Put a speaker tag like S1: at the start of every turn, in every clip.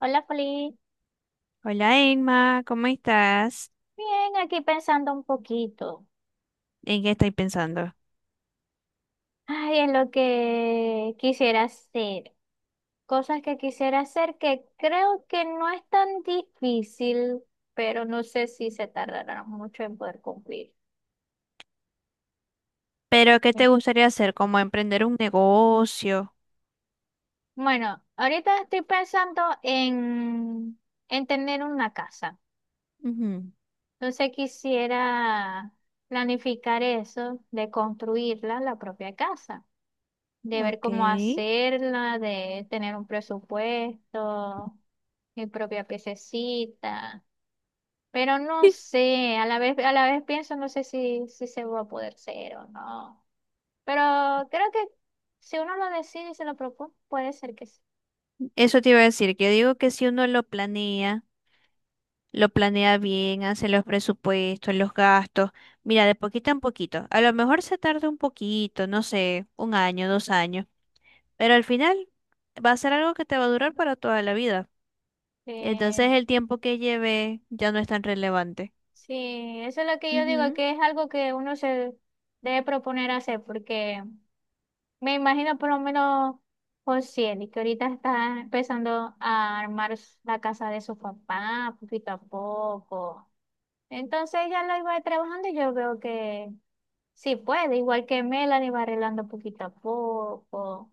S1: Hola, Poli.
S2: Hola Emma, ¿cómo estás?
S1: Bien, aquí pensando un poquito.
S2: ¿En qué estoy pensando?
S1: Ay, en lo que quisiera hacer. Cosas que quisiera hacer que creo que no es tan difícil, pero no sé si se tardará mucho en poder cumplir.
S2: ¿Pero qué
S1: Eh,
S2: te gustaría hacer? ¿Como emprender un negocio?
S1: Bueno, ahorita estoy pensando en tener una casa.
S2: Ujú.
S1: Entonces quisiera planificar eso de construirla, la propia casa, de ver
S2: Ok.
S1: cómo hacerla, de tener un presupuesto, mi propia piececita. Pero no sé, a la vez pienso, no sé si se va a poder ser o no. Pero creo que si uno lo decide y se lo propone, puede ser que sí.
S2: Eso te iba a decir, que yo digo que si uno lo planea bien, hace los presupuestos, los gastos, mira, de poquito en poquito. A lo mejor se tarda un poquito, no sé, un año, dos años, pero al final va a ser algo que te va a durar para toda la vida.
S1: Eh,
S2: Entonces el tiempo que lleve ya no es tan relevante.
S1: sí, eso es lo que yo digo,
S2: Ujú.
S1: que es algo que uno se debe proponer hacer, porque me imagino por lo menos Josiel, que ahorita está empezando a armar la casa de su papá poquito a poco. Entonces ella lo iba trabajando y yo veo que sí puede, igual que Melanie va arreglando poquito a poco.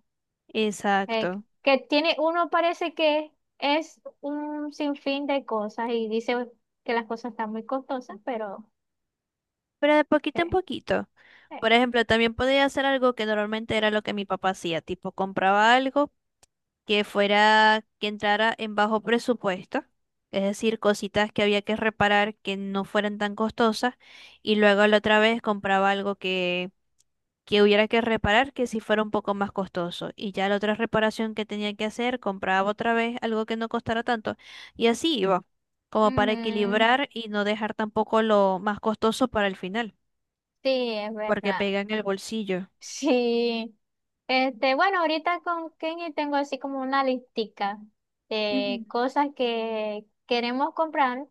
S1: Eh,
S2: Exacto.
S1: que tiene, uno parece que es un sinfín de cosas y dice que las cosas están muy costosas, pero
S2: Pero de poquito en
S1: eh,
S2: poquito.
S1: eh,
S2: Por ejemplo, también podía hacer algo que normalmente era lo que mi papá hacía, tipo compraba algo que fuera, que entrara en bajo presupuesto, es decir, cositas que había que reparar que no fueran tan costosas, y luego la otra vez compraba algo que hubiera que reparar que sí fuera un poco más costoso, y ya la otra reparación que tenía que hacer, compraba otra vez algo que no costara tanto, y así iba, como para
S1: ujú,
S2: equilibrar y no dejar tampoco lo más costoso para el final
S1: sí, es
S2: porque
S1: verdad.
S2: pega en el bolsillo.
S1: Sí. Este, bueno, ahorita con Kenny tengo así como una listica de
S2: Ujú.
S1: cosas que queremos comprar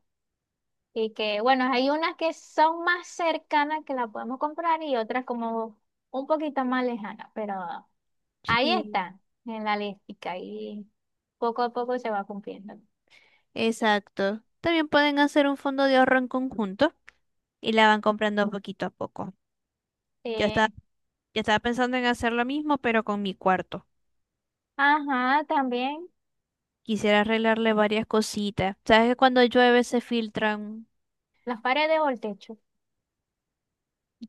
S1: y que, bueno, hay unas que son más cercanas que las podemos comprar y otras como un poquito más lejanas, pero ahí
S2: Sí,
S1: está en la listica y poco a poco se va cumpliendo.
S2: exacto. También pueden hacer un fondo de ahorro en conjunto y la van comprando poquito a poco. Yo
S1: Eh,
S2: estaba, yo estaba pensando en hacer lo mismo, pero con mi cuarto.
S1: ajá, también
S2: Quisiera arreglarle varias cositas. ¿Sabes que cuando llueve se filtran?
S1: las paredes o el techo.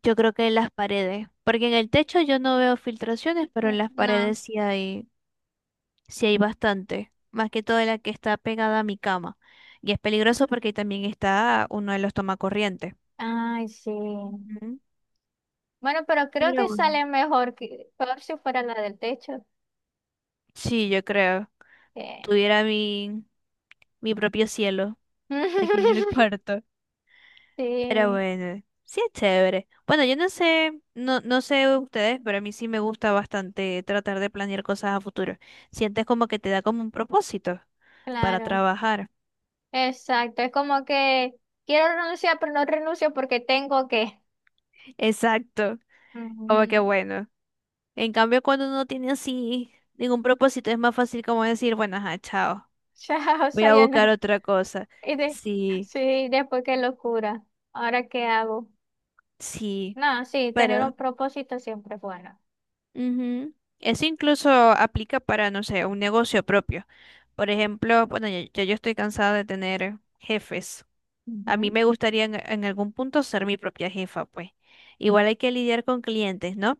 S2: Yo creo que en las paredes, porque en el techo yo no veo filtraciones, pero en las
S1: No,
S2: paredes sí hay bastante, más que todo la que está pegada a mi cama. Y es peligroso porque ahí también está uno de los tomacorrientes.
S1: ay, sí.
S2: Ujú.
S1: Bueno, pero creo
S2: Pero
S1: que
S2: bueno,
S1: sale mejor que peor si fuera la del techo.
S2: sí, yo creo. Tuviera mi propio cielo aquí en el cuarto. Pero
S1: Sí,
S2: bueno, sí es chévere. Bueno, yo no sé, no sé ustedes, pero a mí sí me gusta bastante tratar de planear cosas a futuro. Sientes como que te da como un propósito para
S1: claro,
S2: trabajar.
S1: exacto. Es como que quiero renunciar, pero no renuncio porque tengo que.
S2: Exacto.
S1: Ujú.
S2: Como que bueno. En cambio, cuando uno tiene así ningún propósito, es más fácil como decir, bueno, ajá, chao.
S1: Chao,
S2: Voy a buscar
S1: Sayana.
S2: otra cosa.
S1: Y de,
S2: Sí,
S1: sí, después qué locura. ¿Ahora qué hago?
S2: sí.
S1: No, sí, tener
S2: Pero.
S1: un propósito siempre es bueno.
S2: Ujú. Eso incluso aplica para, no sé, un negocio propio. Por ejemplo, bueno, ya yo estoy cansada de tener jefes. A mí
S1: Ujú.
S2: me gustaría en algún punto ser mi propia jefa, pues. Igual hay que lidiar con clientes, ¿no?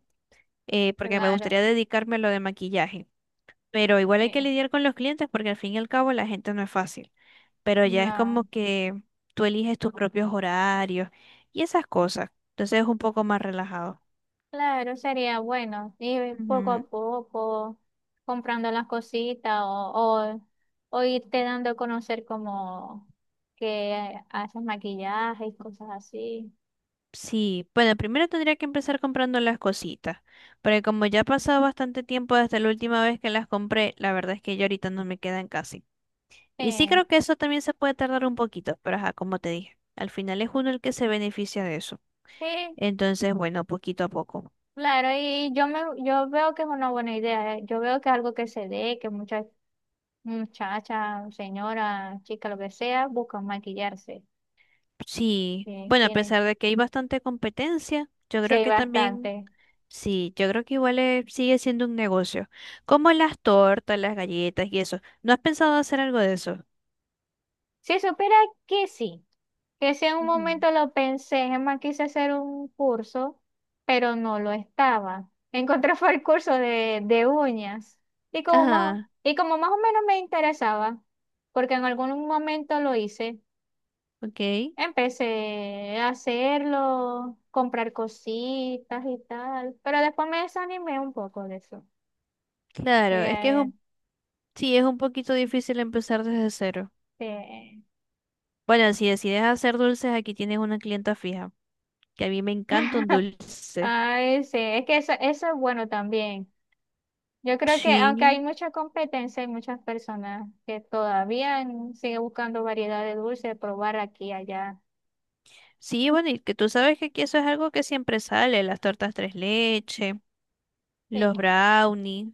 S2: Porque me
S1: Claro,
S2: gustaría dedicarme a lo de maquillaje. Pero igual hay
S1: sí.
S2: que lidiar con los clientes porque al fin y al cabo la gente no es fácil. Pero ya es como
S1: No.
S2: que tú eliges tus propios horarios y esas cosas. Entonces es un poco más relajado.
S1: Claro, sería bueno ir poco a
S2: Ujú.
S1: poco comprando las cositas o, o irte dando a conocer como que haces maquillaje y cosas así.
S2: Sí, bueno, primero tendría que empezar comprando las cositas, porque como ya ha pasado bastante tiempo desde la última vez que las compré, la verdad es que ya ahorita no me quedan casi. Y sí
S1: Sí,
S2: creo que eso también se puede tardar un poquito, pero ajá, como te dije, al final es uno el que se beneficia de eso.
S1: sí,
S2: Entonces, bueno, poquito a poco.
S1: claro, y yo veo que es una buena idea, eh. Yo veo que es algo que se dé, que muchas muchachas, señoras, chicas, lo que sea, buscan maquillarse,
S2: Sí,
S1: eh,
S2: bueno, a
S1: quieren,
S2: pesar de que hay bastante competencia, yo
S1: sí
S2: creo
S1: hay
S2: que también,
S1: bastante.
S2: sí, yo creo que igual sigue siendo un negocio. Como las tortas, las galletas y eso. ¿No has pensado hacer algo de eso?
S1: Si supiera que sí. Que si en un
S2: Ujú.
S1: momento lo pensé, es más, quise hacer un curso, pero no lo estaba. Encontré fue el curso de uñas. Y como más,
S2: Ajá.
S1: y como más o menos me interesaba, porque en algún momento lo hice,
S2: Ok,
S1: empecé a hacerlo, comprar cositas y tal, pero después me desanimé un poco de eso.
S2: claro, es que es
S1: Eh,
S2: un, sí, es un poquito difícil empezar desde cero.
S1: este,
S2: Bueno, si decides hacer dulces, aquí tienes una clienta fija, que a mí me encanta un dulce.
S1: Ay, sí, es que eso es bueno también. Yo creo que
S2: Sí,
S1: aunque hay mucha competencia, hay muchas personas que todavía siguen buscando variedad de dulce, probar aquí y allá.
S2: sí, bueno, y que tú sabes que aquí eso es algo que siempre sale, las tortas tres leche,
S1: Sí,
S2: los brownies.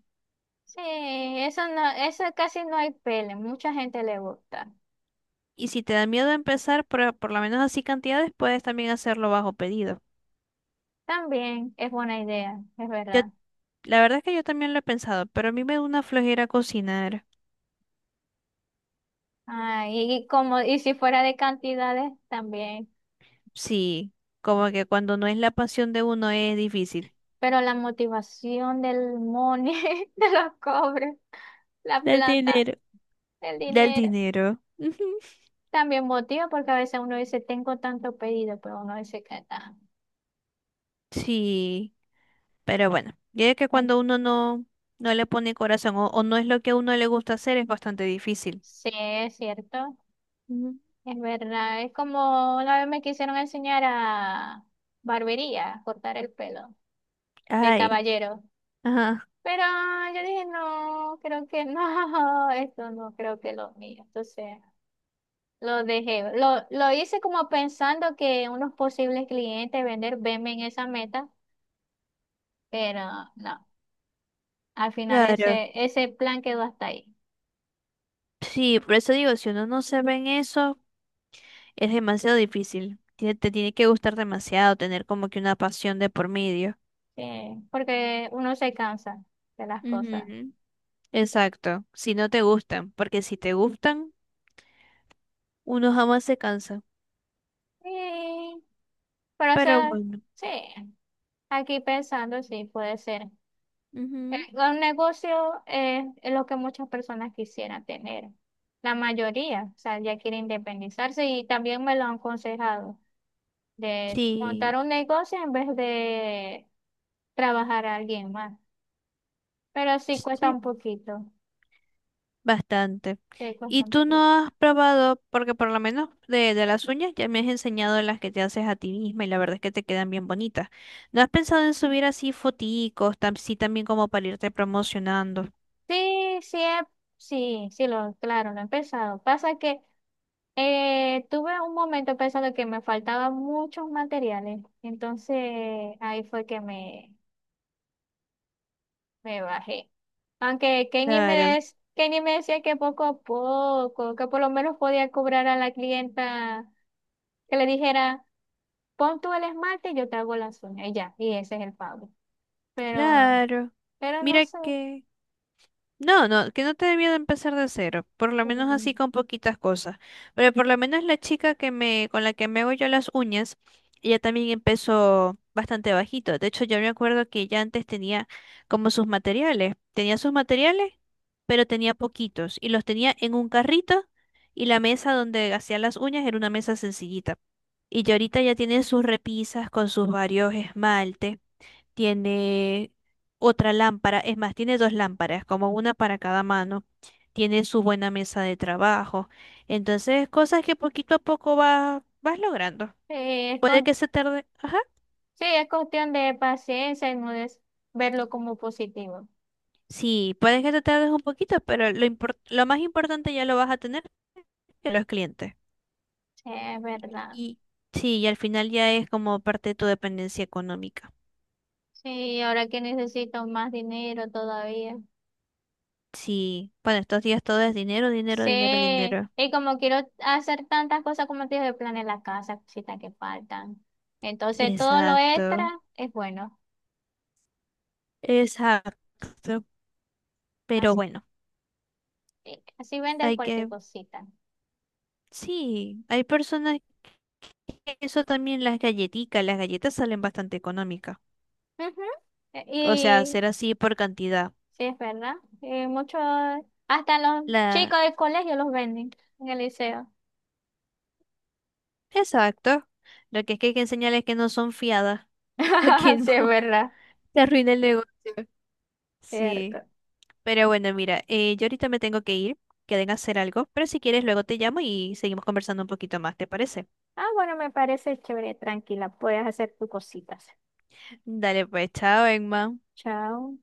S1: sí, eso no, eso casi no hay pele, mucha gente le gusta.
S2: Y si te da miedo empezar por lo menos así cantidades, puedes también hacerlo bajo pedido.
S1: También es buena idea, es
S2: Yo,
S1: verdad.
S2: la verdad es que yo también lo he pensado, pero a mí me da una flojera cocinar.
S1: Y como, y si fuera de cantidades, también.
S2: Sí, como que cuando no es la pasión de uno es difícil.
S1: Pero la motivación del money, de los cobres, la
S2: Del
S1: plata,
S2: dinero.
S1: el
S2: Del
S1: dinero,
S2: dinero. Ujú.
S1: también motiva porque a veces uno dice, tengo tanto pedido, pero uno dice que está.
S2: Sí, pero bueno, ya es que cuando uno no le pone corazón o no es lo que a uno le gusta hacer es bastante difícil.
S1: Sí, es cierto,
S2: Ujú.
S1: es verdad. Es como una vez me quisieron enseñar a barbería, a cortar el pelo de
S2: Ay,
S1: caballero.
S2: ajá,
S1: Pero yo dije, no, creo que no, esto no creo que lo mío. Entonces lo dejé. Lo hice como pensando que unos posibles clientes vender venme en esa meta, pero no. Al final
S2: claro.
S1: ese plan quedó hasta ahí.
S2: Sí, por eso digo, si uno no se ve en eso, es demasiado difícil. Tiene que gustar demasiado, tener como que una pasión de por medio.
S1: Porque uno se cansa de las cosas.
S2: Ujú. Exacto, si no te gustan, porque si te gustan, uno jamás se cansa.
S1: Sí, pero eso,
S2: Pero bueno,
S1: sí. Aquí pensando, sí, puede ser.
S2: ujú.
S1: Un negocio es lo que muchas personas quisieran tener. La mayoría, o sea, ya quiere independizarse y también me lo han aconsejado de montar
S2: Sí.
S1: un negocio en vez de trabajar a alguien más. Pero sí cuesta
S2: Sí,
S1: un poquito.
S2: bastante.
S1: Sí, cuesta
S2: ¿Y
S1: un
S2: tú
S1: poquito.
S2: no has probado, porque por lo menos de las uñas ya me has enseñado las que te haces a ti misma y la verdad es que te quedan bien bonitas? ¿No has pensado en subir así foticos, sí también como para irte promocionando?
S1: Sí, sí, he- sí, sí, claro, lo he empezado. Pasa que tuve un momento pensando que me faltaban muchos materiales, entonces ahí fue que me bajé. Aunque
S2: Claro,
S1: Kenny me decía que poco a poco, que por lo menos podía cobrar a la clienta que le dijera, pon tú el esmalte y yo te hago las uñas, y ya, y ese es el pago. Pero,
S2: claro.
S1: pero no
S2: Mira
S1: sé,
S2: que... No, no, que no te debía de empezar de cero, por lo menos
S1: eh,
S2: así con poquitas cosas. Pero por lo menos la chica con la que me hago yo las uñas, ella también empezó bastante bajito. De hecho, yo me acuerdo que ella antes tenía como sus materiales. Tenía sus materiales, pero tenía poquitos. Y los tenía en un carrito y la mesa donde hacía las uñas era una mesa sencillita. Y ya ahorita ya tiene sus repisas con sus varios esmaltes, tiene otra lámpara, es más, tiene dos lámparas, como una para cada mano, tiene su buena mesa de trabajo, entonces cosas que poquito a poco vas logrando.
S1: eh, es
S2: Puede
S1: cues-
S2: que se tarde, ajá,
S1: sí, es cuestión de paciencia y no es verlo como positivo.
S2: sí, puede que te tardes un poquito, pero lo más importante ya lo vas a tener que los clientes.
S1: Sí, es verdad.
S2: Y sí, y al final ya es como parte de tu dependencia económica.
S1: Sí, ahora que necesito más dinero todavía.
S2: Sí, bueno, estos días todo es dinero, dinero, dinero,
S1: Sí,
S2: dinero.
S1: y como quiero hacer tantas cosas como te dije, de plan la casa, cositas que faltan. Entonces todo lo
S2: Exacto,
S1: extra es bueno.
S2: exacto. Pero
S1: Así,
S2: bueno,
S1: así vender
S2: hay
S1: cualquier
S2: que
S1: cosita.
S2: sí, hay personas que eso también las galletitas, las galletas salen bastante económicas.
S1: Ujú.
S2: O sea,
S1: Y
S2: hacer así por cantidad.
S1: sí, es verdad. Y muchos, hasta los
S2: La,
S1: chicos del colegio los venden en el liceo.
S2: exacto. Lo que es que hay que enseñarles que no son fiadas, para que no
S1: Sí, es verdad.
S2: te arruine el negocio. Sí,
S1: Cierto.
S2: pero bueno, mira, yo ahorita me tengo que ir, que deben hacer algo, pero si quieres luego te llamo y seguimos conversando un poquito más, ¿te parece?
S1: Ah, bueno, me parece chévere, tranquila. Puedes hacer tus cositas.
S2: Dale pues, chao, Emma.
S1: Chao.